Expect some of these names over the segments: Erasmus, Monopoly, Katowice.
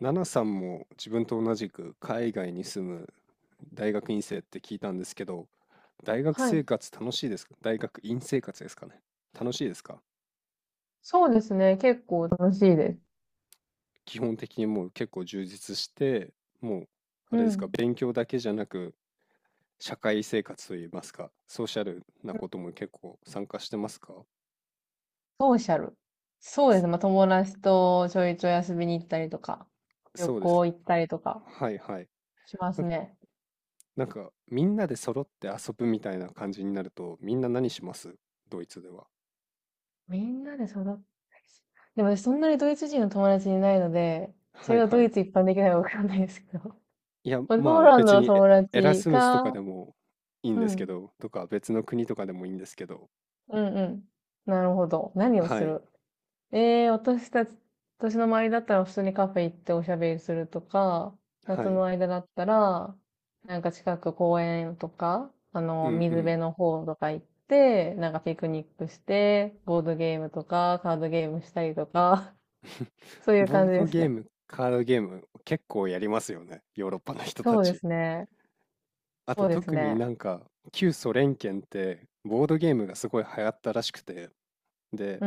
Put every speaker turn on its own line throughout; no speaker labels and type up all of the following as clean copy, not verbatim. ナナさんも自分と同じく海外に住む大学院生って聞いたんですけど、大学
は
生
い。
活楽しいですか？大学院生活ですかね？楽しいですか？
そうですね。結構楽しいです。
基本的にもう結構充実して、もうあ
う
れですか、
ん。
勉強だけじゃなく社会生活といいますか、ソーシャルなことも結構参加してますか？
ソーシャル。そうですね。まあ、
そ
友達とちょいちょい遊びに行ったりとか、旅
そうです。
行行ったりとか
はいはい。
しま
な、
すね。
なんかみんなで揃って遊ぶみたいな感じになると、みんな何します？ドイツでは。
みんなで育っでも私そんなにドイツ人の友達いないので、そ
は
れ
い
が
は
ドイ
い。
ツ一般的なのかわかんないですけど。
いや、
まあ
ま
ポー
あ
ランド
別
の
にエ、
友
エラ
達
スムスとか
か、
でもいいん
う
ですけ
ん。
ど、とか別の国とかでもいいんですけど、
うんうん。なるほど。何を
は
す
い、
る？ええ、私たち、私の周りだったら普通にカフェ行っておしゃべりするとか、
は
夏
い、
の間だったら、近く公園とか、
うんう
水辺
ん。
の方とか行って、ピクニックして、ボードゲームとか、カードゲームしたりとか、そういう
ボ
感
ー
じ
ド
です
ゲー
ね。
ム、カードゲーム結構やりますよね、ヨーロッパの人た
そうで
ち。
すね。
あ
そ
と
うです
特に
ね。
なんか旧ソ連圏ってボードゲームがすごい流行ったらしくて、で、
うー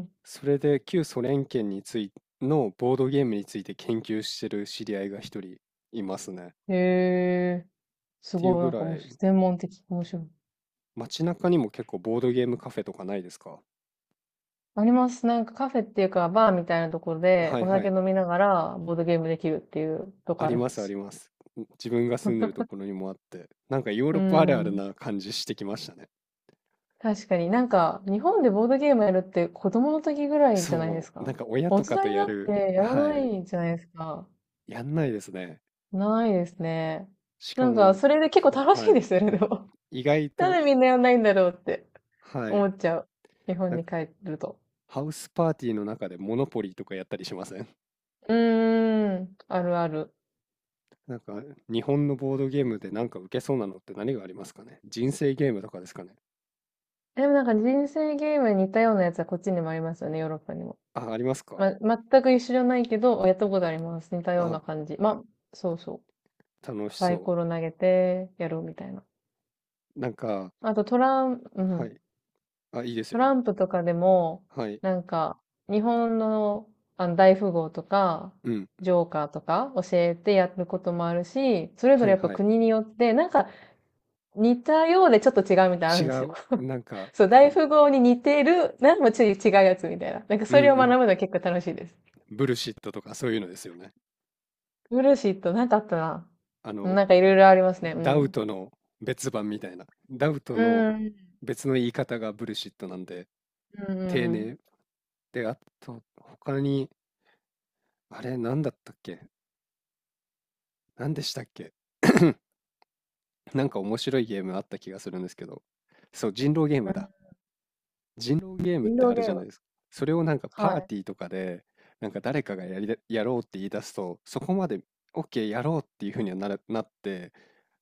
ん。
それで旧ソ連圏についのボードゲームについて研究してる知り合いが一人いますね。っ
へえ、す
ていう
ごい、
ぐ
も
ら
う
い、
専門的、面白い。
街中にも結構ボードゲームカフェとかないですか？
あります。カフェっていうか、バーみたいなところで
はい
お
は
酒
い。
飲みながらボードゲームできるっていうと
あ
こあ
り
り
ま
ま
すあり
す。
ます。自分が住んでるところにもあって、なんかヨー
う
ロッパあるある
ん。
な感じしてきましたね。
確かに、日本でボードゲームやるって子供の時ぐらいじゃないで
そ
す
う、な
か。
んか親
大
とか
人
と
に
や
なって
る、
やら
は
な
い、
いじゃないですか。
やんないですね。
ないですね。
しかもなんか、
それで結構
そう、
楽
は
しいで
い、
すよね、でも。
意外
な
と、
んでみんなやんないんだろうって
はい、
思っちゃう。日本
なんか
に帰ると。
ハウスパーティーの中でモノポリーとかやったりしません？
うーん。あるある。
なんか日本のボードゲームでなんか受けそうなのって何がありますかね？人生ゲームとかですかね？
でも人生ゲームに似たようなやつはこっちにもありますよね、ヨーロッパにも。
あ、ありますか？
ま、全く一緒じゃないけど、やったことあります。似たような
あ、
感じ。まあ、そうそ
楽
う。
し
サイ
そ
コロ投げてやるみたいな。
う。なんか、
あとトラン、う
は
ん。
い、あ、いいです
トラ
よ。
ンプとかでも、
はい、
なんか、日本の、あの大富豪とか、
うん。
ジョーカーとか教えてやることもあるし、それぞ
は
れ
い
やっぱ
はい。
国によって、似たようでちょっと違うみたいなのある
違
んですよ。
う、なんか、
そう、
あ
大
の、
富豪に似てる、ちょっと違うやつみたいな。
うん
そ
う
れを学ぶ
ん。
のは結構楽しいです。
ブルシットとかそういうのですよね。
ブルーシート、あったな。
あの、
いろいろありますね。う
ダウ
ん。
トの別版みたいな。ダウト
う
の
ん。
別の言い方がブルシットなんで、
うん
丁
う
寧。
ん
で、あと、他に、あれ、なんだったっけ？なんでしたっけ？ なんか面白いゲームあった気がするんですけど。そう、人狼ゲームだ。
う
人狼ゲーム
ん。
っ
イン
てあ
ド
るじ
ゲー
ゃない
ム。
ですか。それをなんか
は
パー
い。
ティーとかで、なんか誰かがやりだ、やろうって言い出すと、そこまで OK やろうっていうふうにはなって、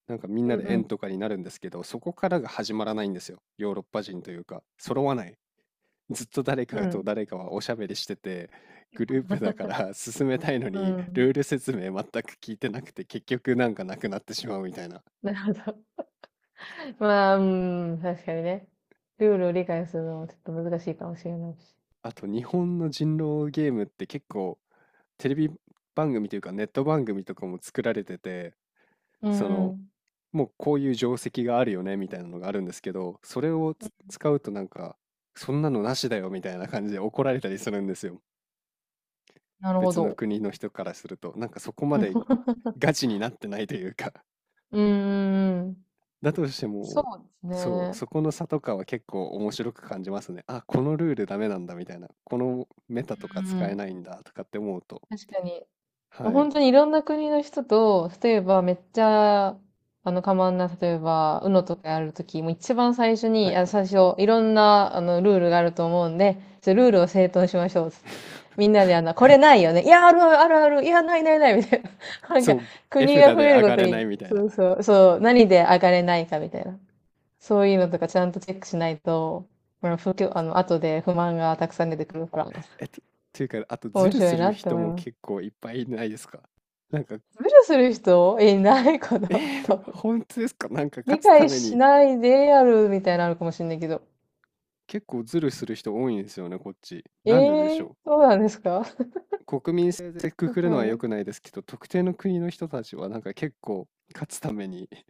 なんかみんな
う
で円
ん
とかになるんですけど、そこからが始まらないんですよ。ヨーロッパ人というか、揃わない。ずっと誰
う
かと
ん。
誰かはおしゃべりしてて、グループだから進めたいの
うん。
に、
うん。
ルール説明全く聞いてなくて、結局なんかなくなってしまうみたいな。
なるほど。まあ、うん、確かにね。ルールを理解するのはちょっと難しいかもしれないし。
あと日本の人狼ゲームって結構テレビ番組というかネット番組とかも作られてて、
う
そ
んう
の、
ん。
もうこういう定石があるよねみたいなのがあるんですけど、それを使うとなんか、そんなのなしだよみたいな感じで怒られたりするんですよ。
なるほ
別の
ど。
国の人からすると、なんかそこまでガ チになってないというか、
うんうんうん。
だとして
そ
も、
うです
そう、
ね。
そこの差とかは結構面白く感じますね。あ、このルールダメなんだみたいな、このメタとか
うんう
使え
ん。
ないんだとかって思うと、
確かに。もう
はい、
本当にいろんな国の人と、例えばめっちゃ、あの、かまんな、例えば、UNO とかやるとき、もう一番最初
は
に、
い
あ、
はい。
最初、いろんな、ルールがあると思うんで、ルールを整頓しましょう、つって。みんなで、これないよね。いや、あるあるあるある。いや、ないないない、みたいな。なん
そ
か、
う、絵
国
札
が増
で
える
上
ご
が
と
れない
に、
みたいな。
そうそう、そう、何で上がれないか、みたいな。そういうのとかちゃんとチェックしないと、まあ、不況、あの、後で不満がたくさん出てくるから、
えっと、というか、あと、ズ
面
ル
白
す
い
る
なって
人
思い
も
ます。
結構いっぱいいないですか？なんか、
無視する人いないかな、多分。
本当ですか？なんか、
理
勝つた
解
め
し
に
ないでやるみたいなのあるかもしんないけど。
結構ズルする人多いんですよね、こっち。
え
なんででし
えー、
ょ
そうなんですか？
う？国民性でく
わ
くるの
か
は
んな
良
い。
くないですけど、特定の国の人たちはなんか結構勝つために、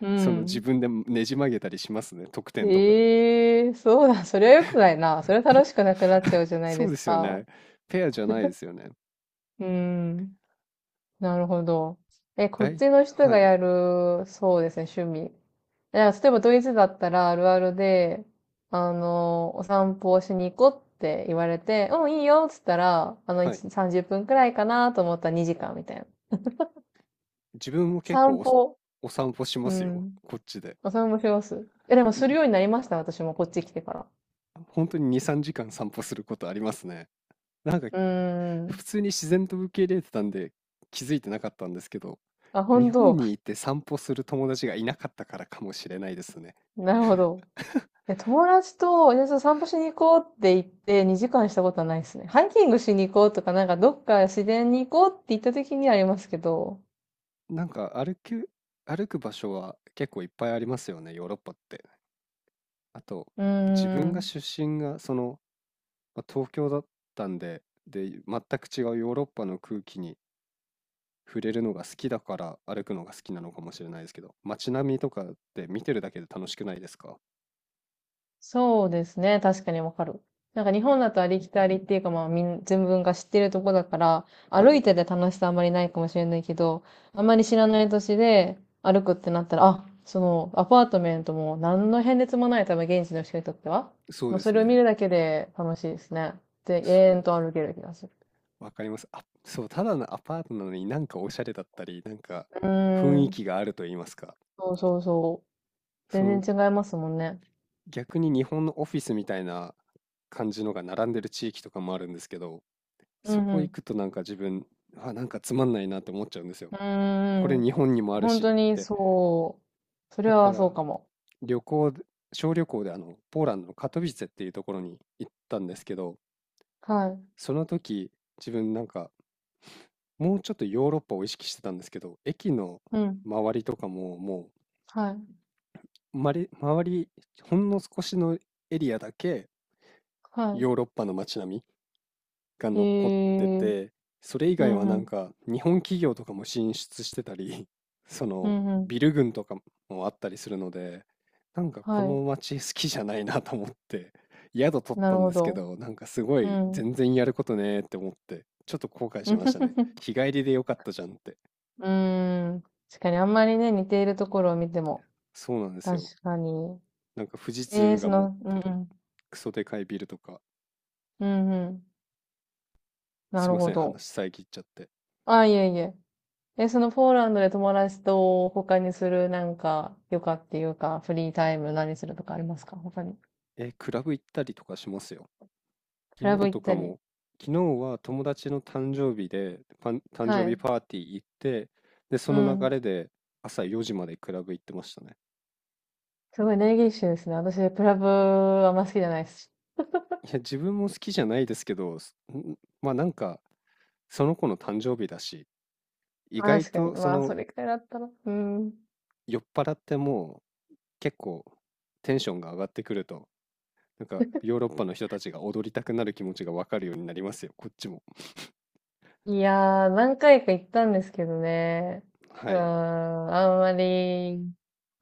う
その自
ん。
分でねじ曲げたりしますね、得点とか。
ええー、そうだ。それは良くないな。それは楽しくなくなっちゃ うじゃない
そ
で
うで
す
すよ
か。
ね。ペアじゃないですよね。
うん。なるほど。え、こっちの人
は
が
い、
やる、そうですね、趣味。いや、例えばドイツだったらあるあるで、お散歩をしに行こうって言われて、うん、いいよっつったら、
はい。
1、30分くらいかなと思ったら2時間みたいな。
自分も結構
散歩、
お散歩しま
う
すよ。
ん、
こっちで。
お散歩します。え、でもするようになりました、私もこっち来てから。
本当に2、3時間散歩することありますね。なんか
うー
普
ん。
通に自然と受け入れてたんで気づいてなかったんですけど、
あ、
日
本
本
当。
にいて散歩する友達がいなかったからかもしれないですね。
なるほど。で友達と、じゃあちょっと散歩しに行こうって言って2時間したことはないですね。ハイキングしに行こうとか、どっか自然に行こうって言った時にはありますけど。
なんか歩く場所は結構いっぱいありますよね、ヨーロッパって。あと、
うー
自分が
ん。
出身がまあ東京だったんで、で、全く違うヨーロッパの空気に触れるのが好きだから歩くのが好きなのかもしれないですけど、街並みとかって見てるだけで楽しくないですか？
そうですね。確かにわかる。日本だとありきたりっていうかまあみん、全文が知ってるとこだから、
は
歩い
い、
てて楽しさあんまりないかもしれないけど、あんまり知らない土地で歩くってなったら、あ、そのアパートメントも何の変哲もない多分現地の人にとっては。
そう
もう
で
そ
す
れを見
ね。
るだけで楽しいですね。で、永遠
そ
と歩ける気がする。
う、わかります。あ、そう、ただのアパートなのになんかおしゃれだったり、なんか
う
雰
ー
囲気
ん。
があると言いますか。
そうそうそう。
そ
全
の
然違いますもんね。
逆に日本のオフィスみたいな感じのが並んでる地域とかもあるんですけど、
う
そ
ん
こ
う
行
ん。
くとなんか自分、あ、なんかつまんないなって思っちゃうんですよ。
う
これ
ーん。
日本にもある
本
しっ
当に
て。
そう。そ
だ
れ
か
はそう
ら、
かも。
旅行で、小旅行でポーランドのカトビツェっていうところに行ったんですけど、
はい。
その時、自分なんか、もうちょっとヨーロッパを意識してたんですけど、駅の
うん。
周りとかも、も
はい。
う、まり、周り、ほんの少しのエリアだけ、
は
ヨーロッパの街並みが
い。へ
残って
え。
て、それ以
う
外は
ん
な
う
ん
ん。
か日本企業とかも進出してたり、そ
う
の
んうん。
ビル群とかもあったりするので、なんかこ
は
の街好きじゃないなと思って、宿取
い。
っ
な
た
る
ん
ほ
ですけ
ど。
ど、なんかすご
う
い
ん。
全然やることねーって思って、ちょっと後悔しましたね。日帰りでよかったじゃんって。
うーん。確かにあんまりね、似ているところを見ても。
そうなんです
確
よ。
かに。
なんか富士
ええ、
通
そ
が持っ
の、うん
て
う
る
ん。
クソでかいビルとか、
うんうん。
す
な
い
る
ま
ほ
せん、
ど。
話遮っちゃって。
あ、いえいえ。え、そのポーランドで友達と他にする余暇っていうかフリータイム何するとかありますか、他に？
え、クラブ行ったりとかしますよ。
ク
昨
ラブ
日
行っ
とか
たり。
も、昨日は友達の誕生日で、誕
は
生日
い。
パーティー行って、で、そ
う
の流
ん。
れで朝4時までクラブ行ってましたね。
すごいネギッシュですね。私、クラブはあんま好きじゃないですし。
いや、自分も好きじゃないですけど、まあなんか、その子の誕生日だし、意外
確かに。
と
まあ、それくらいだったら。うん。
酔っ払っても結構テンションが上がってくると、なんかヨーロッパの人たちが踊りたくなる気持ちがわかるようになりますよ、こっちも。
いやー、何回か行ったんですけどね。う
は
ーん、
い。
あんまり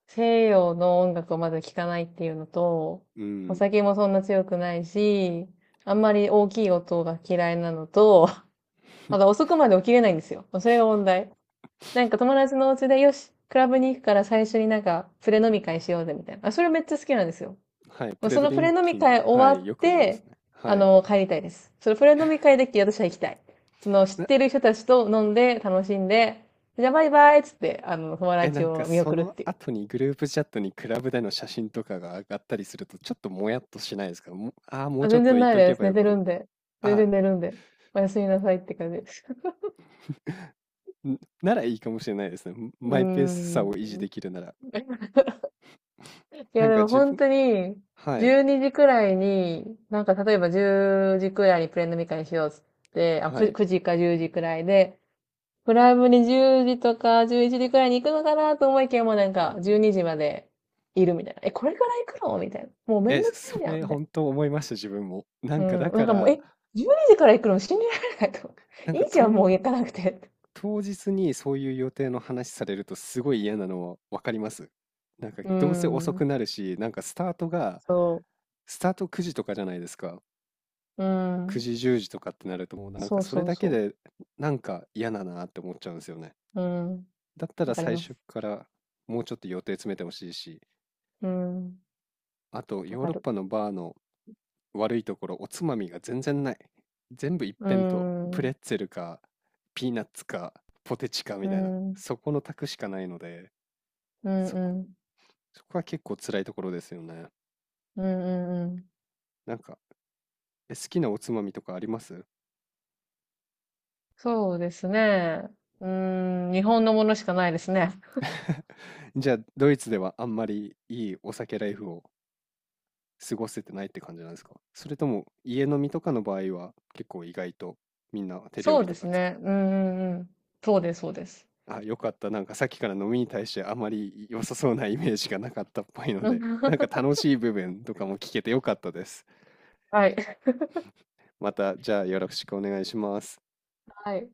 西洋の音楽をまず聴かないっていうのと、
う
お
ん。
酒もそんな強くないし、あんまり大きい音が嫌いなのと、遅くまで起きれないんですよ。それが問題。友達のお家で、よし、クラブに行くから最初にプレ飲み会しようぜ、みたいな。あ、それめっちゃ好きなんですよ。
はい。
も
プ
う
レ
そ
ド
の
リ
プ
ン
レ飲
キ
み
ング。
会終
は
わ
い。
っ
よくあります
て、
ね。はい。
帰りたいです。そのプレ飲み会で私は行きたい。その、知ってる人たちと飲んで、楽しんで、じゃあバイバイっつって、友
え、な
達
んか
を見
そ
送るっ
の
ていう。
後にグループチャットにクラブでの写真とかが上がったりすると、ちょっともやっとしないですか？もああもう
あ、
ちょっ
全
と
然
言っ
ない
ておけ
です。
ば
寝
よ
て
か
る
も。
んで。全
あ
然
あ、
寝るんで。おやすみなさいって感じです。
ならいいかもしれないですね。
う
マイペース
ー
さを維持
ん。
できるなら。
い
な
や、
ん
で
か
も
自
本
分、
当に、
はい、
12時くらいに、例えば10時くらいにプレ飲み会しようっつって、あ、
はい。
9時か10時くらいで、クラブに10時とか11時くらいに行くのかなと思いきやもう12時までいるみたいな。え、これから行くのみたいな。もうめ
え、
んどくさい
そ
じゃん
れ
みたい
本当思いました、自分も。な
な。
ん
う
かだ
ん。な
か
んかもう、
ら、
え、12時から行くの信じられないと。
な ん
い
か
いじゃん、もう行かなくて。
当日にそういう予定の話されるとすごい嫌なのはわかります。なんか
う
どうせ遅
ん。
くなるし、
そ
スタート9時とかじゃないですか？
う。う
9
ん。
時10時とかってなるともうなんか
そう
それ
そう
だけ
そ
でなんか嫌だなって思っちゃうんですよね。
う。うん。
だった
わ
ら
かり
最
ます。
初からもうちょっと予定詰めてほしいし、
うん。
あと
わ
ヨー
か
ロッ
る。
パのバーの悪いところおつまみが全然ない。全部一
う
辺倒。プレ
ん。
ッツェルかピーナッツかポテチかみ
う
たいな。
ん、うん、
そこの択しかないので、
う
そこ、
ん、
そこは結構辛いところですよね。
うん、うんうん。
なんか、好きなおつまみとかあります？
そうですね。うん、日本のものしかないですね。
じゃあドイツではあんまりいいお酒ライフを過ごせてないって感じなんですか？それとも家飲みとかの場合は結構意外とみんな手料
そう
理
で
とか
す
使
ね。うん、うん、うん。そうです、そうです。
う。あ、よかった。なんかさっきから飲みに対してあまり良さそうなイメージがなかったっぽいの
うん
で、なんか 楽しい部分とかも聞けてよかったです。
はい。
また、じゃあよろしくお願いします。
はい。